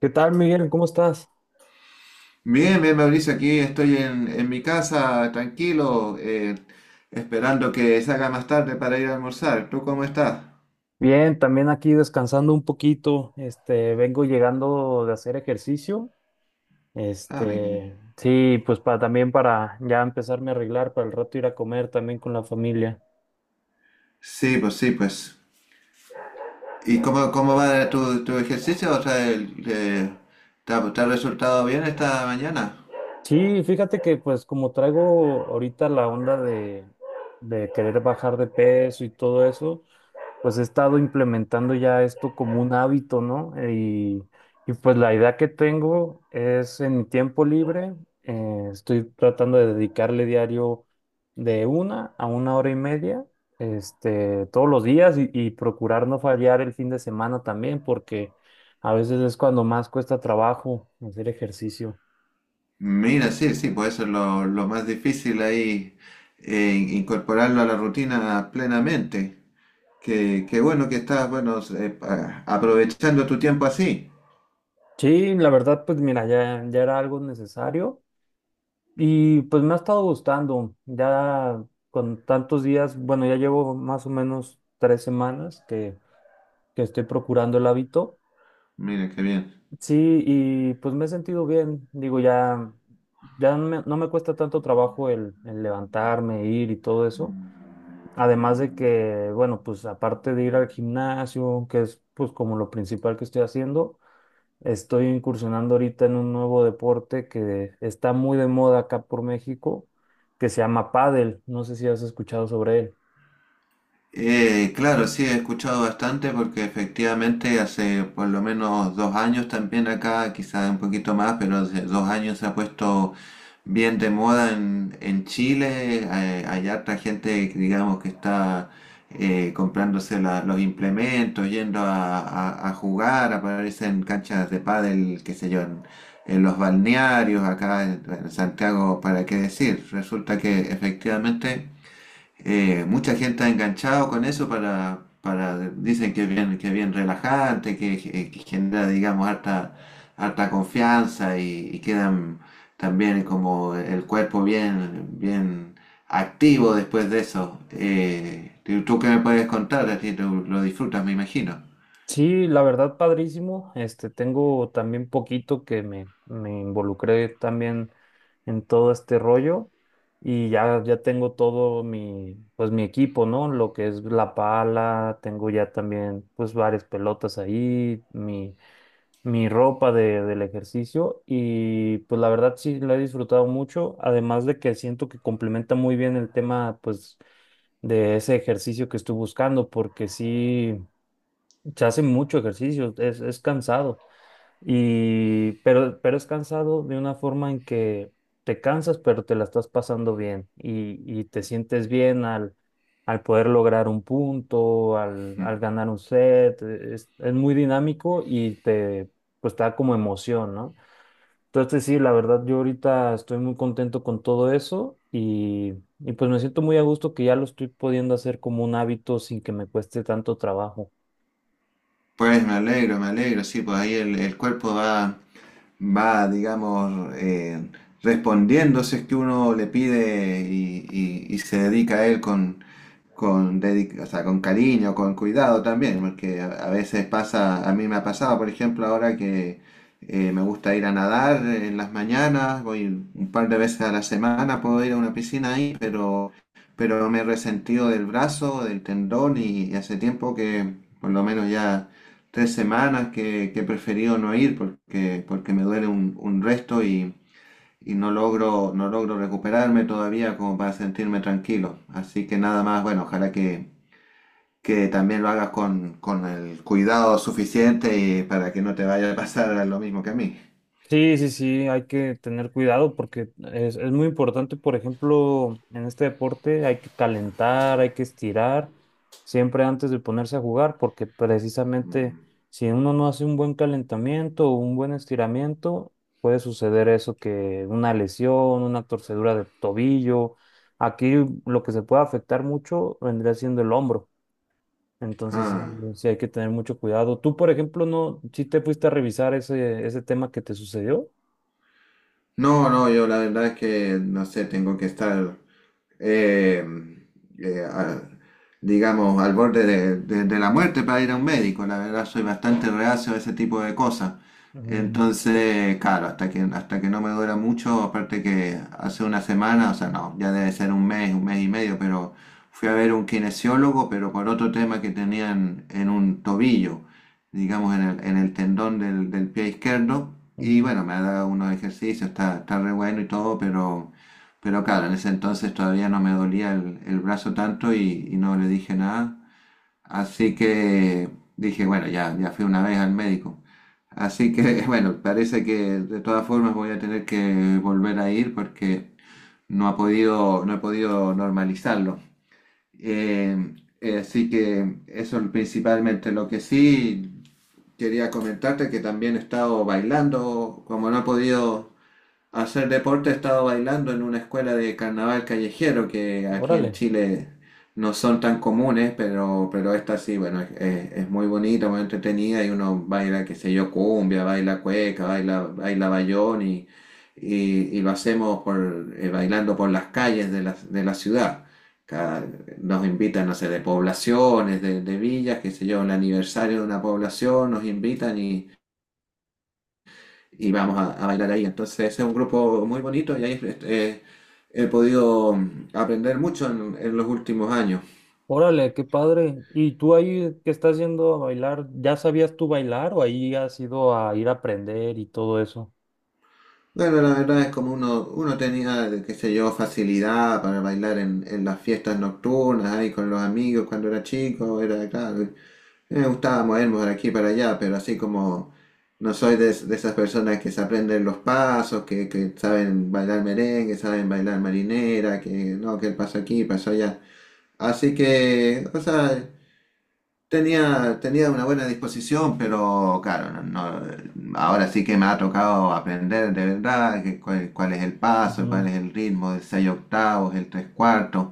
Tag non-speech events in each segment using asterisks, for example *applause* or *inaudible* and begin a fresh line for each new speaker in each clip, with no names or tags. ¿Qué tal, Miguel? ¿Cómo estás?
Bien, bien, Mauricio, aquí estoy en mi casa, tranquilo, esperando que se haga más tarde para ir a almorzar. ¿Tú cómo estás?
Bien, también aquí descansando un poquito. Vengo llegando de hacer ejercicio.
Ah, mi querido.
Pues para también para ya empezarme a arreglar para el rato ir a comer también con la familia.
Sí, pues sí, pues. ¿Y cómo va tu ejercicio? O sea, ¿te ha resultado bien esta mañana?
Sí, fíjate que pues como traigo ahorita la onda de querer bajar de peso y todo eso, pues he estado implementando ya esto como un hábito, ¿no? Y pues la idea que tengo es en mi tiempo libre, estoy tratando de dedicarle diario de una a una hora y media, este, todos los días y procurar no fallar el fin de semana también, porque a veces es cuando más cuesta trabajo hacer ejercicio.
Mira, sí, sí, pues eso es lo más difícil ahí, incorporarlo a la rutina plenamente. Qué bueno que estás, bueno, aprovechando tu tiempo así.
Sí, la verdad, pues mira, ya era algo necesario. Y pues me ha estado gustando, ya con tantos días, bueno, ya llevo más o menos tres semanas que estoy procurando el hábito.
Mira, qué bien.
Sí, y pues me he sentido bien, digo, ya no me cuesta tanto trabajo el levantarme, ir y todo eso. Además de que, bueno, pues aparte de ir al gimnasio, que es pues como lo principal que estoy haciendo. Estoy incursionando ahorita en un nuevo deporte que está muy de moda acá por México, que se llama pádel. No sé si has escuchado sobre él.
Claro, sí, he escuchado bastante porque efectivamente hace por lo menos dos años también acá, quizás un poquito más, pero hace dos años se ha puesto bien de moda en Chile. Hay harta gente, que, digamos, que está comprándose los implementos, yendo a, a jugar, aparecen canchas de pádel, qué sé yo, en los balnearios, acá en Santiago, ¿para qué decir? Resulta que efectivamente... mucha gente ha enganchado con eso para dicen que es bien relajante, que, que genera, digamos, harta, harta confianza y quedan también como el cuerpo bien, bien activo después de eso. ¿Tú qué me puedes contar? A ti tú lo disfrutas, me imagino.
Sí, la verdad, padrísimo. Este, tengo también poquito que me involucré también en todo este rollo y ya tengo todo mi, pues mi equipo, ¿no? Lo que es la pala, tengo ya también pues varias pelotas ahí, mi ropa del ejercicio y pues la verdad sí la he disfrutado mucho, además de que siento que complementa muy bien el tema pues de ese ejercicio que estoy buscando porque sí se hace mucho ejercicio, es cansado. Pero es cansado de una forma en que te cansas, pero te la estás pasando bien y te sientes bien al poder lograr un punto,
¿Mm?
al ganar un set. Es muy dinámico y pues, te da como emoción, ¿no? Entonces, sí, la verdad, yo ahorita estoy muy contento con todo eso y pues me siento muy a gusto que ya lo estoy pudiendo hacer como un hábito sin que me cueste tanto trabajo.
Pues me alegro, sí, pues ahí el cuerpo va. Va, digamos, respondiendo si es que uno le pide y, y se dedica a él con, o sea, con cariño, con cuidado también, porque a veces pasa, a mí me ha pasado, por ejemplo, ahora que me gusta ir a nadar en las mañanas, voy un par de veces a la semana, puedo ir a una piscina ahí, pero me he resentido del brazo, del tendón y hace tiempo que por lo menos ya tres semanas que he preferido no ir porque, porque me duele un resto y no logro, no logro recuperarme todavía como para sentirme tranquilo. Así que nada más, bueno, ojalá que también lo hagas con el cuidado suficiente y para que no te vaya a pasar lo mismo que a mí.
Sí, sí, sí, hay que tener cuidado porque es muy importante, por ejemplo, en este deporte hay que calentar, hay que estirar siempre antes de ponerse a jugar porque precisamente
Mm.
si uno no hace un buen calentamiento o un buen estiramiento, puede suceder eso que una lesión, una torcedura de tobillo, aquí lo que se puede afectar mucho vendría siendo el hombro, entonces sí,
Ah.
sí hay que tener mucho cuidado. Tú, por ejemplo, no, si te fuiste a revisar ese tema que te sucedió.
No, no, yo la verdad es que no sé, tengo que estar eh, eh, a- digamos, al borde de, de la muerte para ir a un médico. La verdad, soy bastante reacio a ese tipo de cosas.
Mm,
Entonces, claro, hasta que no me duela mucho, aparte que hace una semana, o sea, no, ya debe ser un mes y medio, pero fui a ver un kinesiólogo, pero por otro tema que tenían en un tobillo, digamos, en el tendón del, del pie izquierdo. Y
ujú.
bueno, me ha dado unos ejercicios, está, está re bueno y todo, pero... Pero claro, en ese entonces todavía no me dolía el brazo tanto y no le dije nada. Así que dije, bueno, ya, ya fui una vez al médico. Así que, *laughs* bueno, parece que de todas formas voy a tener que volver a ir porque no ha podido, no he podido normalizarlo. Eh, así que eso es principalmente. Lo que sí quería comentarte que también he estado bailando, como no he podido hacer deporte he estado bailando en una escuela de carnaval callejero que aquí en
Órale,
Chile no son tan comunes, pero esta sí, bueno, es, es muy bonita, muy entretenida y uno baila, qué sé yo, cumbia, baila cueca, baila, baila bayón y lo hacemos por, bailando por las calles de la ciudad. Cada- nos invitan, no sé, de poblaciones, de villas, qué sé yo, el aniversario de una población, nos invitan y vamos a bailar ahí. Entonces ese es un grupo muy bonito y ahí he podido aprender mucho en los últimos años.
Órale, qué padre. ¿Y tú ahí que estás yendo a bailar, ya sabías tú bailar o ahí has ido a ir a aprender y todo eso?
Bueno, la verdad es como uno, uno tenía, qué sé yo, facilidad para bailar en las fiestas nocturnas, ahí con los amigos cuando era chico, era claro, me gustaba movernos de aquí para allá, pero así como no soy de, de esas personas que se aprenden los pasos, que saben bailar merengue, saben bailar marinera, que no, que el paso aquí, paso allá. Así que, o sea, tenía, tenía una buena disposición, pero claro, no, ahora sí que me ha tocado aprender de verdad que cuál, cuál es el paso, cuál
Ujú.
es el ritmo del 6 octavos, el 3 cuartos.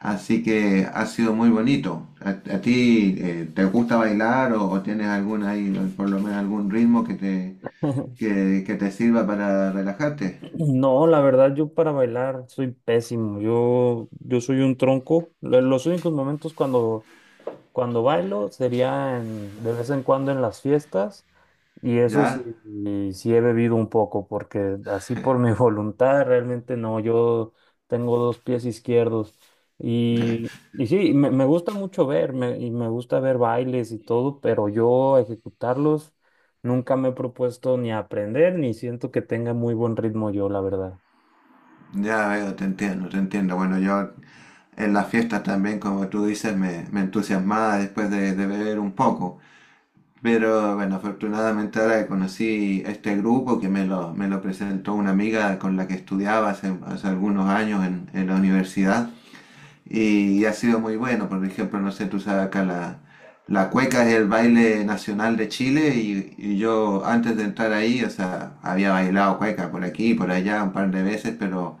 Así que ha sido muy bonito. A ti te gusta bailar o tienes algún ahí, por lo menos algún ritmo
*laughs*
que te sirva para relajarte?
No, la verdad yo para bailar soy pésimo. Yo soy un tronco. Los únicos momentos cuando bailo sería de vez en cuando en las fiestas y eso sí,
¿Ya?
sí he bebido un poco porque así por mi *laughs* voluntad realmente no, yo tengo dos pies izquierdos
*laughs*
y sí, me gusta mucho ver me- y me gusta ver bailes y todo, pero yo ejecutarlos nunca me he propuesto ni aprender ni siento que tenga muy buen ritmo yo, la verdad.
Ya veo, te entiendo, te entiendo. Bueno, yo en las fiestas también, como tú dices, me entusiasmaba después de beber un poco. Pero bueno, afortunadamente ahora que conocí este grupo que me lo presentó una amiga con la que estudiaba hace, hace algunos años en la universidad y, ha sido muy bueno. Por ejemplo, no sé, tú sabes acá la, la cueca es el baile nacional de Chile y yo antes de entrar ahí, o sea, había bailado cueca por aquí y por allá un par de veces,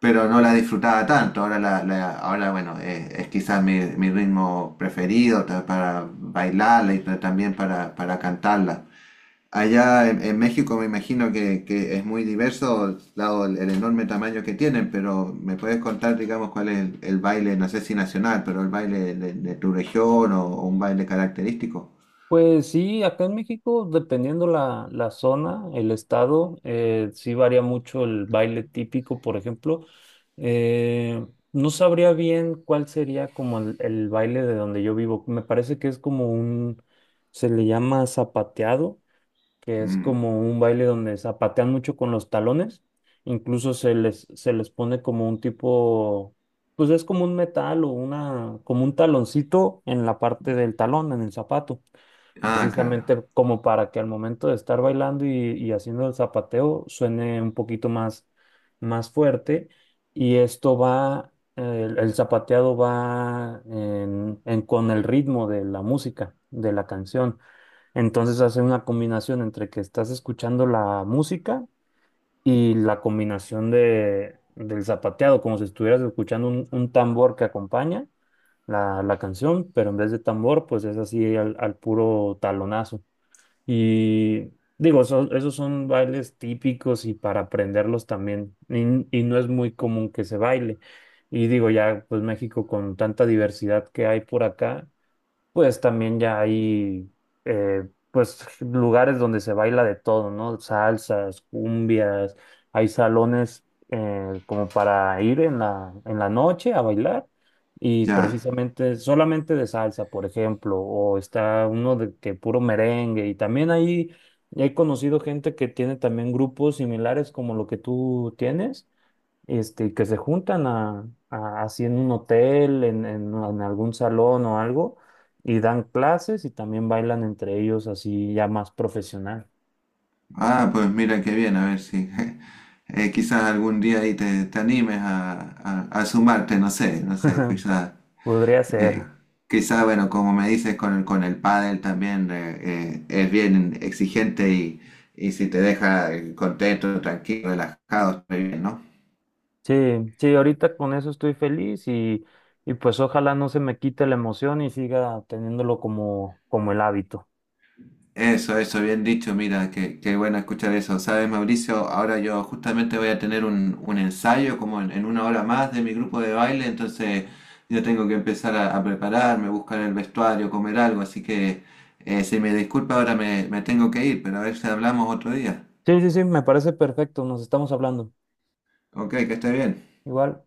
pero no la disfrutaba tanto. Ahora, la, ahora bueno, es quizás mi, mi ritmo preferido para bailarla y también para cantarla. Allá en México me imagino que es muy diverso, dado el enorme tamaño que tienen, pero ¿me puedes contar, digamos, cuál es el baile, no sé si nacional, pero el baile de tu región o un baile característico?
Pues sí, acá en México, dependiendo la zona, el estado, sí varía mucho el baile típico, por ejemplo. Eh, no sabría bien cuál sería como el baile de donde yo vivo. Me parece que es como un, se le llama zapateado, que es
Mm.
como un baile donde zapatean mucho con los talones. Incluso se les pone como un tipo, pues es como un metal o una, como un taloncito en la parte del talón, en el zapato
Ah, claro.
precisamente como para que al momento de estar bailando y haciendo el zapateo suene un poquito más, más fuerte y esto va, el zapateado va con el ritmo de la música, de la canción. Entonces hace una combinación entre que estás escuchando la música y la combinación del zapateado, como si estuvieras escuchando un tambor que acompaña la canción, pero en vez de tambor, pues es así al puro talonazo. Y digo, esos son bailes típicos y para aprenderlos también. Y no es muy común que se baile. Y digo, ya, pues México con tanta diversidad que hay por acá, pues también ya hay eh, pues lugares donde se baila de todo, ¿no? Salsas, cumbias, hay salones como para ir en en la noche a bailar y
Ya.
precisamente solamente de salsa, por ejemplo, o está uno de que puro merengue y también ahí he conocido gente que tiene también grupos similares como lo que tú tienes este, que se juntan así en un hotel, en algún salón o algo, y dan clases y también bailan entre ellos así ya más profesional.
Ah, pues mira qué bien, a ver si *laughs* quizás algún día ahí te, te animes a, a sumarte, no sé, no sé,
*laughs*
quizás,
Podría ser.
eh, quizás, bueno, como me dices, con el pádel también es bien exigente y si te deja contento, tranquilo, relajado, está bien, ¿no?
Sí, sí, ahorita con eso estoy feliz y pues ojalá no se me quite la emoción y siga teniéndolo como, como el hábito.
Eso, bien dicho, mira, qué, qué bueno escuchar eso. Sabes, Mauricio, ahora yo justamente voy a tener un ensayo como en una hora más de mi grupo de baile, entonces yo tengo que empezar a prepararme, buscar el vestuario, comer algo, así que si me disculpa ahora me, me tengo que ir, pero a ver si hablamos otro día.
Sí, sí, sí, me parece perfecto, nos estamos hablando.
Ok, que esté bien.
Igual.